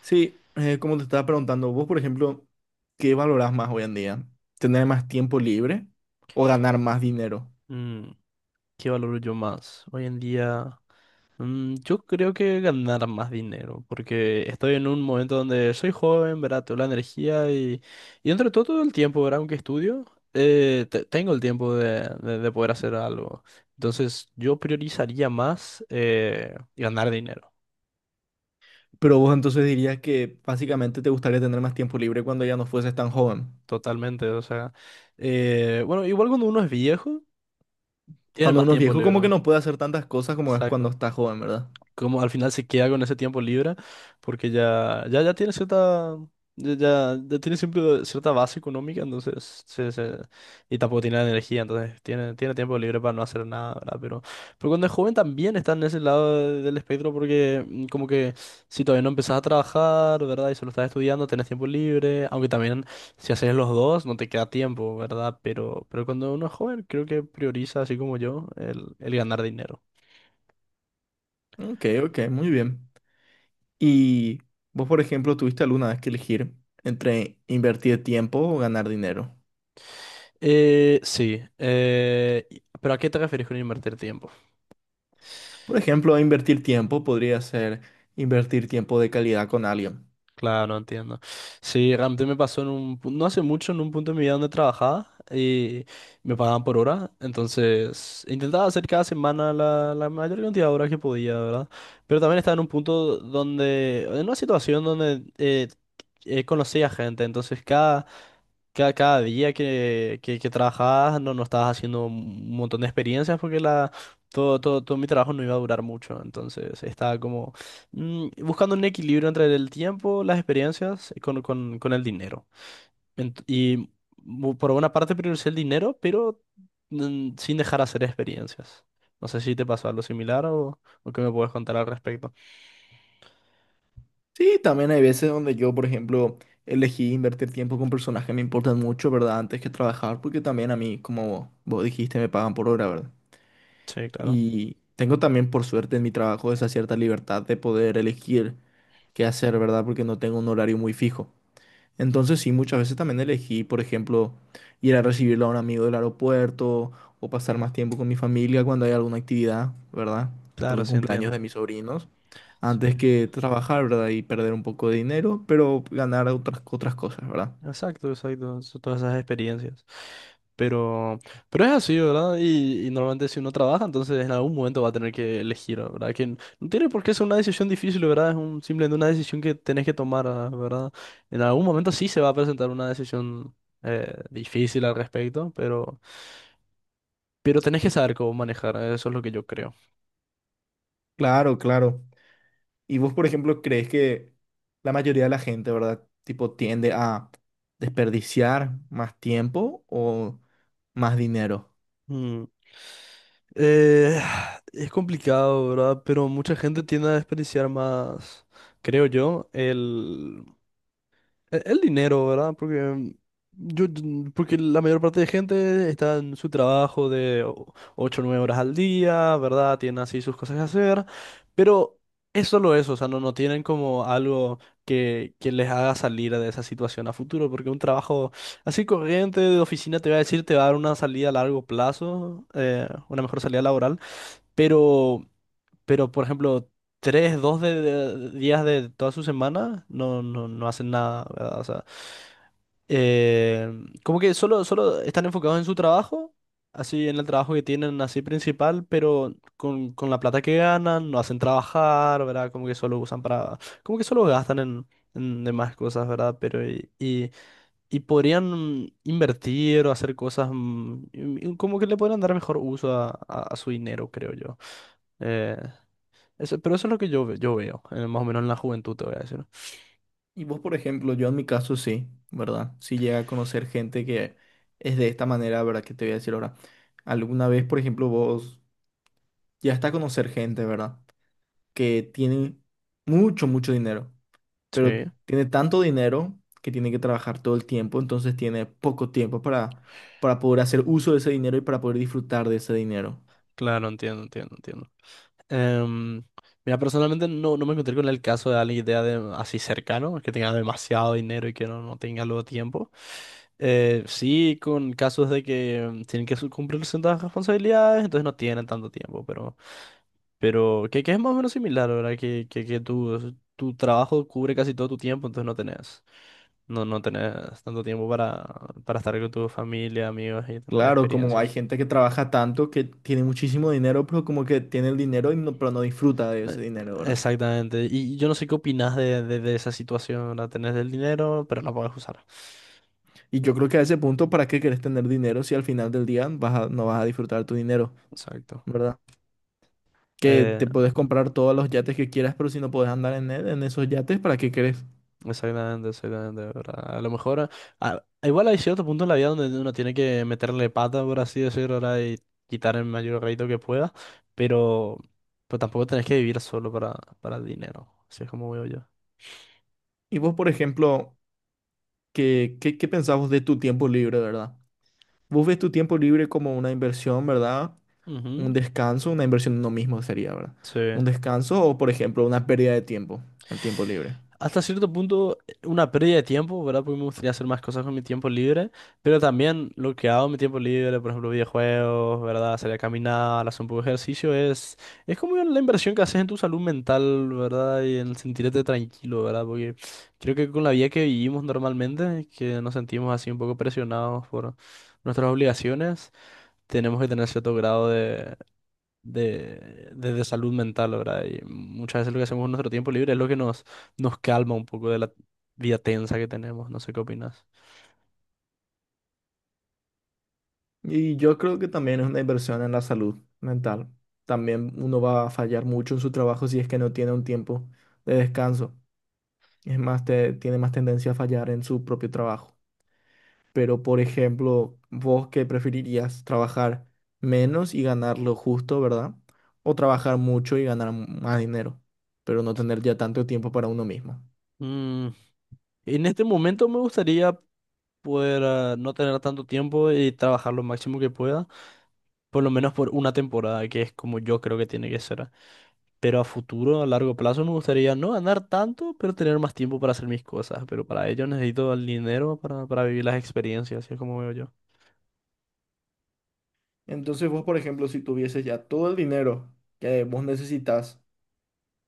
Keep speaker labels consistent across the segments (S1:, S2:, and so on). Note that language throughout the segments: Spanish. S1: Sí, como te estaba preguntando, vos, por ejemplo, ¿qué valorás más hoy en día? ¿Tener más tiempo libre o ganar más dinero?
S2: Mm, ¿Qué valoro yo más? Hoy en día, yo creo que ganar más dinero, porque estoy en un momento donde soy joven, ¿verdad? Tengo la energía y entre todo el tiempo, ¿verdad? Aunque estudio, tengo el tiempo de poder hacer algo. Entonces, yo priorizaría más ganar dinero,
S1: Pero vos entonces dirías que básicamente te gustaría tener más tiempo libre cuando ya no fueses tan joven.
S2: totalmente. O sea, bueno, igual cuando uno es viejo, tiene
S1: Cuando
S2: más
S1: uno es
S2: tiempo
S1: viejo,
S2: libre.
S1: como que no puede hacer tantas cosas como es cuando
S2: Exacto.
S1: está joven, ¿verdad?
S2: Como al final se queda con ese tiempo libre, porque ya tiene cierta, ya tiene siempre cierta base económica, entonces, y tampoco tiene la energía, entonces tiene tiempo libre para no hacer nada, ¿verdad? Pero cuando es joven también está en ese lado del espectro, porque como que si todavía no empezás a trabajar, ¿verdad? Y solo estás estudiando, tenés tiempo libre, aunque también si haces los dos, no te queda tiempo, ¿verdad? Pero cuando uno es joven, creo que prioriza, así como yo, el ganar dinero.
S1: Ok, ok, muy bien. ¿Y vos, por ejemplo, tuviste alguna vez que elegir entre invertir tiempo o ganar dinero?
S2: Sí, pero ¿a qué te refieres con invertir tiempo?
S1: Por ejemplo, invertir tiempo podría ser invertir tiempo de calidad con alguien.
S2: Claro, entiendo. Sí, realmente me pasó no hace mucho, en un punto de mi vida donde trabajaba y me pagaban por hora, entonces intentaba hacer cada semana la mayor cantidad de horas que podía, ¿verdad? Pero también estaba en un punto donde, en una situación donde conocía gente, entonces cada día que trabajabas no estabas haciendo un montón de experiencias porque todo mi trabajo no iba a durar mucho, entonces estaba como buscando un equilibrio entre el tiempo, las experiencias y con el dinero. Ent- y por una parte prioricé el dinero, pero sin dejar hacer experiencias. No sé si te pasó algo similar o qué me puedes contar al respecto.
S1: Sí, también hay veces donde yo, por ejemplo, elegí invertir tiempo con personas que me importan mucho, ¿verdad? Antes que trabajar, porque también a mí, como vos dijiste, me pagan por hora, ¿verdad?
S2: Sí, claro.
S1: Y tengo también, por suerte, en mi trabajo esa cierta libertad de poder elegir qué hacer, ¿verdad? Porque no tengo un horario muy fijo. Entonces, sí, muchas veces también elegí, por ejemplo, ir a recibirlo a un amigo del aeropuerto o pasar más tiempo con mi familia cuando hay alguna actividad, ¿verdad?
S2: Claro,
S1: Algún
S2: sí,
S1: cumpleaños de
S2: entiendo.
S1: mis sobrinos antes
S2: Sí.
S1: que trabajar, ¿verdad? Y perder un poco de dinero, pero ganar otras, otras cosas, ¿verdad?
S2: Exacto, exacto, todas esas experiencias. Pero, pero es así, ¿verdad? Y normalmente si uno trabaja, entonces en algún momento va a tener que elegir, ¿verdad? Que n- no tiene por qué ser una decisión difícil, ¿verdad? Es simplemente una decisión que tenés que tomar, ¿verdad? En algún momento sí se va a presentar una decisión difícil al respecto, pero, tenés que saber cómo manejar, eso es lo que yo creo.
S1: Claro, claro. ¿Y vos, por ejemplo, crees que la mayoría de la gente, ¿verdad? Tipo, tiende a desperdiciar más tiempo o más dinero.
S2: Mm. Eh, es complicado, ¿verdad? Pero mucha gente tiende a desperdiciar más, creo yo, el... El dinero, ¿verdad? Porque porque la mayor parte de gente está en su trabajo de 8 o 9 horas al día, ¿verdad? Tienen así sus cosas que hacer, pero es solo eso, o sea, no tienen como algo que les haga salir de esa situación a futuro, porque un trabajo así corriente de oficina te va a decir, te va a dar una salida a largo plazo, una mejor salida laboral, pero... Pero, por ejemplo, tres, dos días de toda su semana no hacen nada, ¿verdad? O sea, eh, como que solo están enfocados en su trabajo, así en el trabajo que tienen, así principal, pero con la plata que ganan, no hacen trabajar, ¿verdad? Como que solo usan para, como que solo gastan en demás cosas, ¿verdad? Pero, y podrían invertir o hacer cosas, y como que le podrían dar mejor uso a, a su dinero, creo yo. Eh, eso, pero eso es lo que yo veo, más o menos en la juventud, te voy a decir. ¿No?
S1: Y vos, por ejemplo, yo en mi caso sí, ¿verdad? Si llega a conocer gente que es de esta manera, ¿verdad? Que te voy a decir ahora. Alguna vez, por ejemplo, vos ya está a conocer gente, ¿verdad? Que tiene mucho dinero. Pero
S2: Sí,
S1: tiene tanto dinero que tiene que trabajar todo el tiempo, entonces tiene poco tiempo para poder hacer uso de ese dinero y para poder disfrutar de ese dinero.
S2: claro, entiendo, entiendo, entiendo. Em, mira, personalmente no me encontré con el caso de alguien que tenga así cercano, que tenga demasiado dinero y que no tenga luego tiempo. Sí, con casos de que tienen que cumplir ciertas responsabilidades, entonces no tienen tanto tiempo, pero, que, es más o menos similar, ¿verdad? Que, que tu, tu trabajo cubre casi todo tu tiempo, entonces no tenés. No tenés tanto tiempo para estar con tu familia, amigos y tener
S1: Claro, como hay
S2: experiencias.
S1: gente que trabaja tanto que tiene muchísimo dinero, pero como que tiene el dinero y no, pero no disfruta de
S2: Eh,
S1: ese dinero, ¿verdad?
S2: Exactamente. Y yo no sé qué opinás de esa situación. La tenés del dinero, pero la podés usar.
S1: Y yo creo que a ese punto, ¿para qué querés tener dinero si al final del día vas no vas a disfrutar tu dinero,
S2: Exacto.
S1: ¿verdad? Que
S2: Eh,
S1: te puedes comprar todos los yates que quieras, pero si no puedes andar en, en esos yates, ¿para qué querés?
S2: exactamente, exactamente, ¿verdad? A lo mejor, igual hay cierto punto en la vida donde uno tiene que meterle pata, por así decirlo, ¿verdad? Y quitar el mayor rédito que pueda, pero, tampoco tenés que vivir solo para el dinero, así es como veo yo.
S1: Y vos, por ejemplo, ¿qué pensás vos de tu tiempo libre, ¿verdad? Vos ves tu tiempo libre como una inversión, ¿verdad? Un
S2: Ujú.
S1: descanso, una inversión en uno mismo sería, ¿verdad?
S2: Sí.
S1: Un descanso o, por ejemplo, una pérdida de tiempo, el tiempo libre.
S2: Hasta cierto punto, una pérdida de tiempo, ¿verdad? Porque me gustaría hacer más cosas con mi tiempo libre, pero también lo que hago en mi tiempo libre, por ejemplo, videojuegos, ¿verdad? Salir a caminar, hacer un poco de ejercicio, es como la inversión que haces en tu salud mental, ¿verdad? Y en sentirte tranquilo, ¿verdad? Porque creo que con la vida que vivimos normalmente, que nos sentimos así un poco presionados por nuestras obligaciones, tenemos que tener cierto grado de salud mental, ¿verdad? Y muchas veces lo que hacemos en nuestro tiempo libre es lo que nos calma un poco de la vida tensa que tenemos. No sé qué opinas.
S1: Y yo creo que también es una inversión en la salud mental. También uno va a fallar mucho en su trabajo si es que no tiene un tiempo de descanso. Es más, tiene más tendencia a fallar en su propio trabajo. Pero, por ejemplo, vos qué preferirías, trabajar menos y ganar lo justo, ¿verdad? O trabajar mucho y ganar más dinero, pero no tener ya tanto tiempo para uno mismo.
S2: Mm, en este momento me gustaría poder no tener tanto tiempo y trabajar lo máximo que pueda, por lo menos por una temporada, que es como yo creo que tiene que ser. Pero a futuro, a largo plazo, me gustaría no ganar tanto, pero tener más tiempo para hacer mis cosas. Pero para ello necesito el dinero para, vivir las experiencias, así es como veo yo.
S1: Entonces vos, por ejemplo, si tuvieses ya todo el dinero que vos necesitas,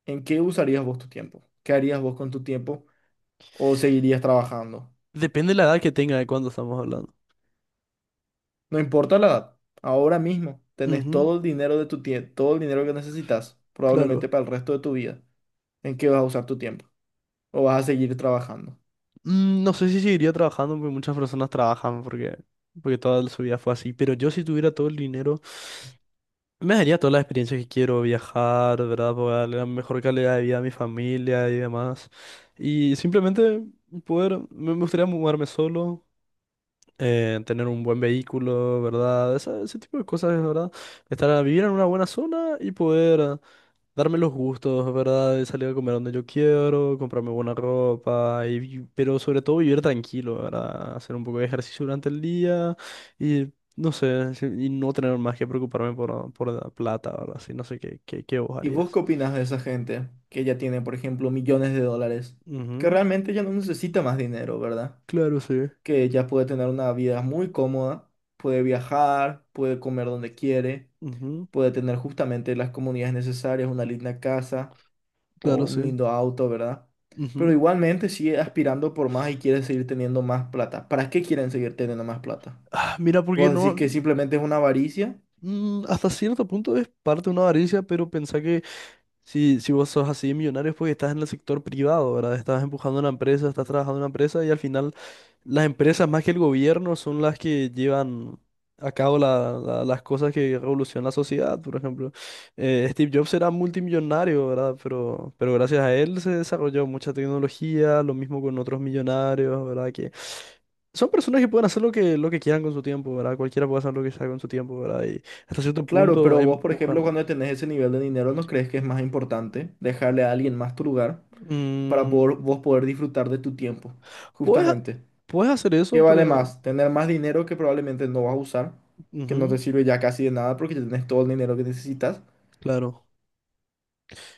S1: ¿en qué usarías vos tu tiempo? ¿Qué harías vos con tu tiempo? ¿O seguirías trabajando?
S2: Depende de la edad que tenga de cuándo estamos hablando.
S1: No importa la edad, ahora mismo tenés
S2: Ujú.
S1: todo el dinero de tu todo el dinero que necesitas, probablemente
S2: Claro.
S1: para el resto de tu vida. ¿En qué vas a usar tu tiempo? ¿O vas a seguir trabajando?
S2: No sé si seguiría trabajando, porque muchas personas trabajan porque toda su vida fue así. Pero yo si tuviera todo el dinero, me daría todas las experiencias que quiero, viajar, ¿verdad? Para darle la mejor calidad de vida a mi familia y demás. Y simplemente poder, me me gustaría mudarme solo, tener un buen vehículo, ¿verdad? Ese tipo de cosas, ¿verdad? Estar vivir en una buena zona y poder darme los gustos, ¿verdad? De salir a comer donde yo quiero, comprarme buena ropa, y pero sobre todo vivir tranquilo, ¿verdad? Hacer un poco de ejercicio durante el día y no sé, y no tener más que preocuparme por, la plata, ¿verdad? Así no sé qué vos
S1: ¿Y vos qué
S2: harías.
S1: opinas de esa gente que ya tiene, por ejemplo, millones de dólares? Que
S2: Ujú.
S1: realmente ya no necesita más dinero, ¿verdad?
S2: Claro, sí.
S1: Que ya puede tener una vida muy cómoda, puede viajar, puede comer donde quiere,
S2: Ujú.
S1: puede tener justamente las comunidades necesarias, una linda casa o
S2: Claro,
S1: un
S2: sí.
S1: lindo auto, ¿verdad? Pero
S2: Ujú.
S1: igualmente sigue aspirando por más y quiere seguir teniendo más plata. ¿Para qué quieren seguir teniendo más plata?
S2: Ah, mira, porque
S1: ¿Vos decís
S2: no,
S1: que simplemente es una avaricia?
S2: hasta cierto punto es parte de una avaricia, pero pensá que Si vos sos así millonario es porque estás en el sector privado, ¿verdad? Estás empujando una empresa, estás trabajando en una empresa y al final las empresas más que el gobierno son las que llevan a cabo las cosas que revolucionan la sociedad, por ejemplo. Steve Jobs era multimillonario, ¿verdad? Pero, gracias a él se desarrolló mucha tecnología, lo mismo con otros millonarios, ¿verdad? Que son personas que pueden hacer lo que quieran con su tiempo, ¿verdad? Cualquiera puede hacer lo que sea con su tiempo, ¿verdad? Y hasta cierto
S1: Claro,
S2: punto
S1: pero vos, por ejemplo,
S2: empujan.
S1: cuando tenés ese nivel de dinero, ¿no crees que es más importante dejarle a alguien más tu lugar para
S2: Mm,
S1: poder, vos poder disfrutar de tu tiempo?
S2: Puedes,
S1: Justamente.
S2: puedes hacer
S1: ¿Qué
S2: eso,
S1: vale
S2: pero...
S1: más? Tener más dinero que probablemente no vas a usar, que no te
S2: Ujú,
S1: sirve ya casi de nada porque ya tenés todo el dinero que necesitas,
S2: claro.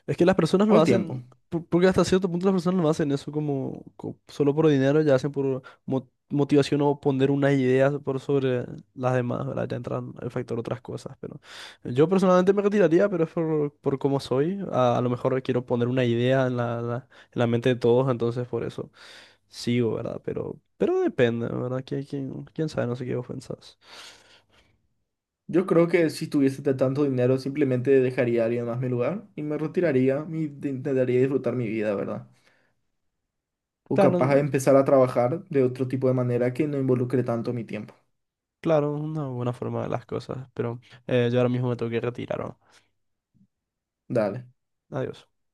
S2: Es que las personas
S1: o
S2: lo
S1: el tiempo.
S2: hacen, porque hasta cierto punto las personas no hacen eso solo por dinero, ya hacen por motivación o poner unas ideas por sobre las demás, ¿verdad? Ya entran el factor otras cosas, pero yo personalmente me retiraría, pero es por cómo soy. A lo mejor quiero poner una idea en en la mente de todos, entonces por eso sigo, ¿verdad? Pero, depende, ¿verdad? ¿Quién sabe? No sé qué vos pensás.
S1: Yo creo que si tuviese de tanto dinero, simplemente dejaría a alguien más mi lugar y me retiraría y intentaría disfrutar mi vida, ¿verdad? O
S2: Claro,
S1: capaz de empezar a trabajar de otro tipo de manera que no involucre tanto mi tiempo.
S2: claro, una buena forma de las cosas, pero yo ahora mismo me tengo que retirar, ¿no?
S1: Dale.
S2: Adiós.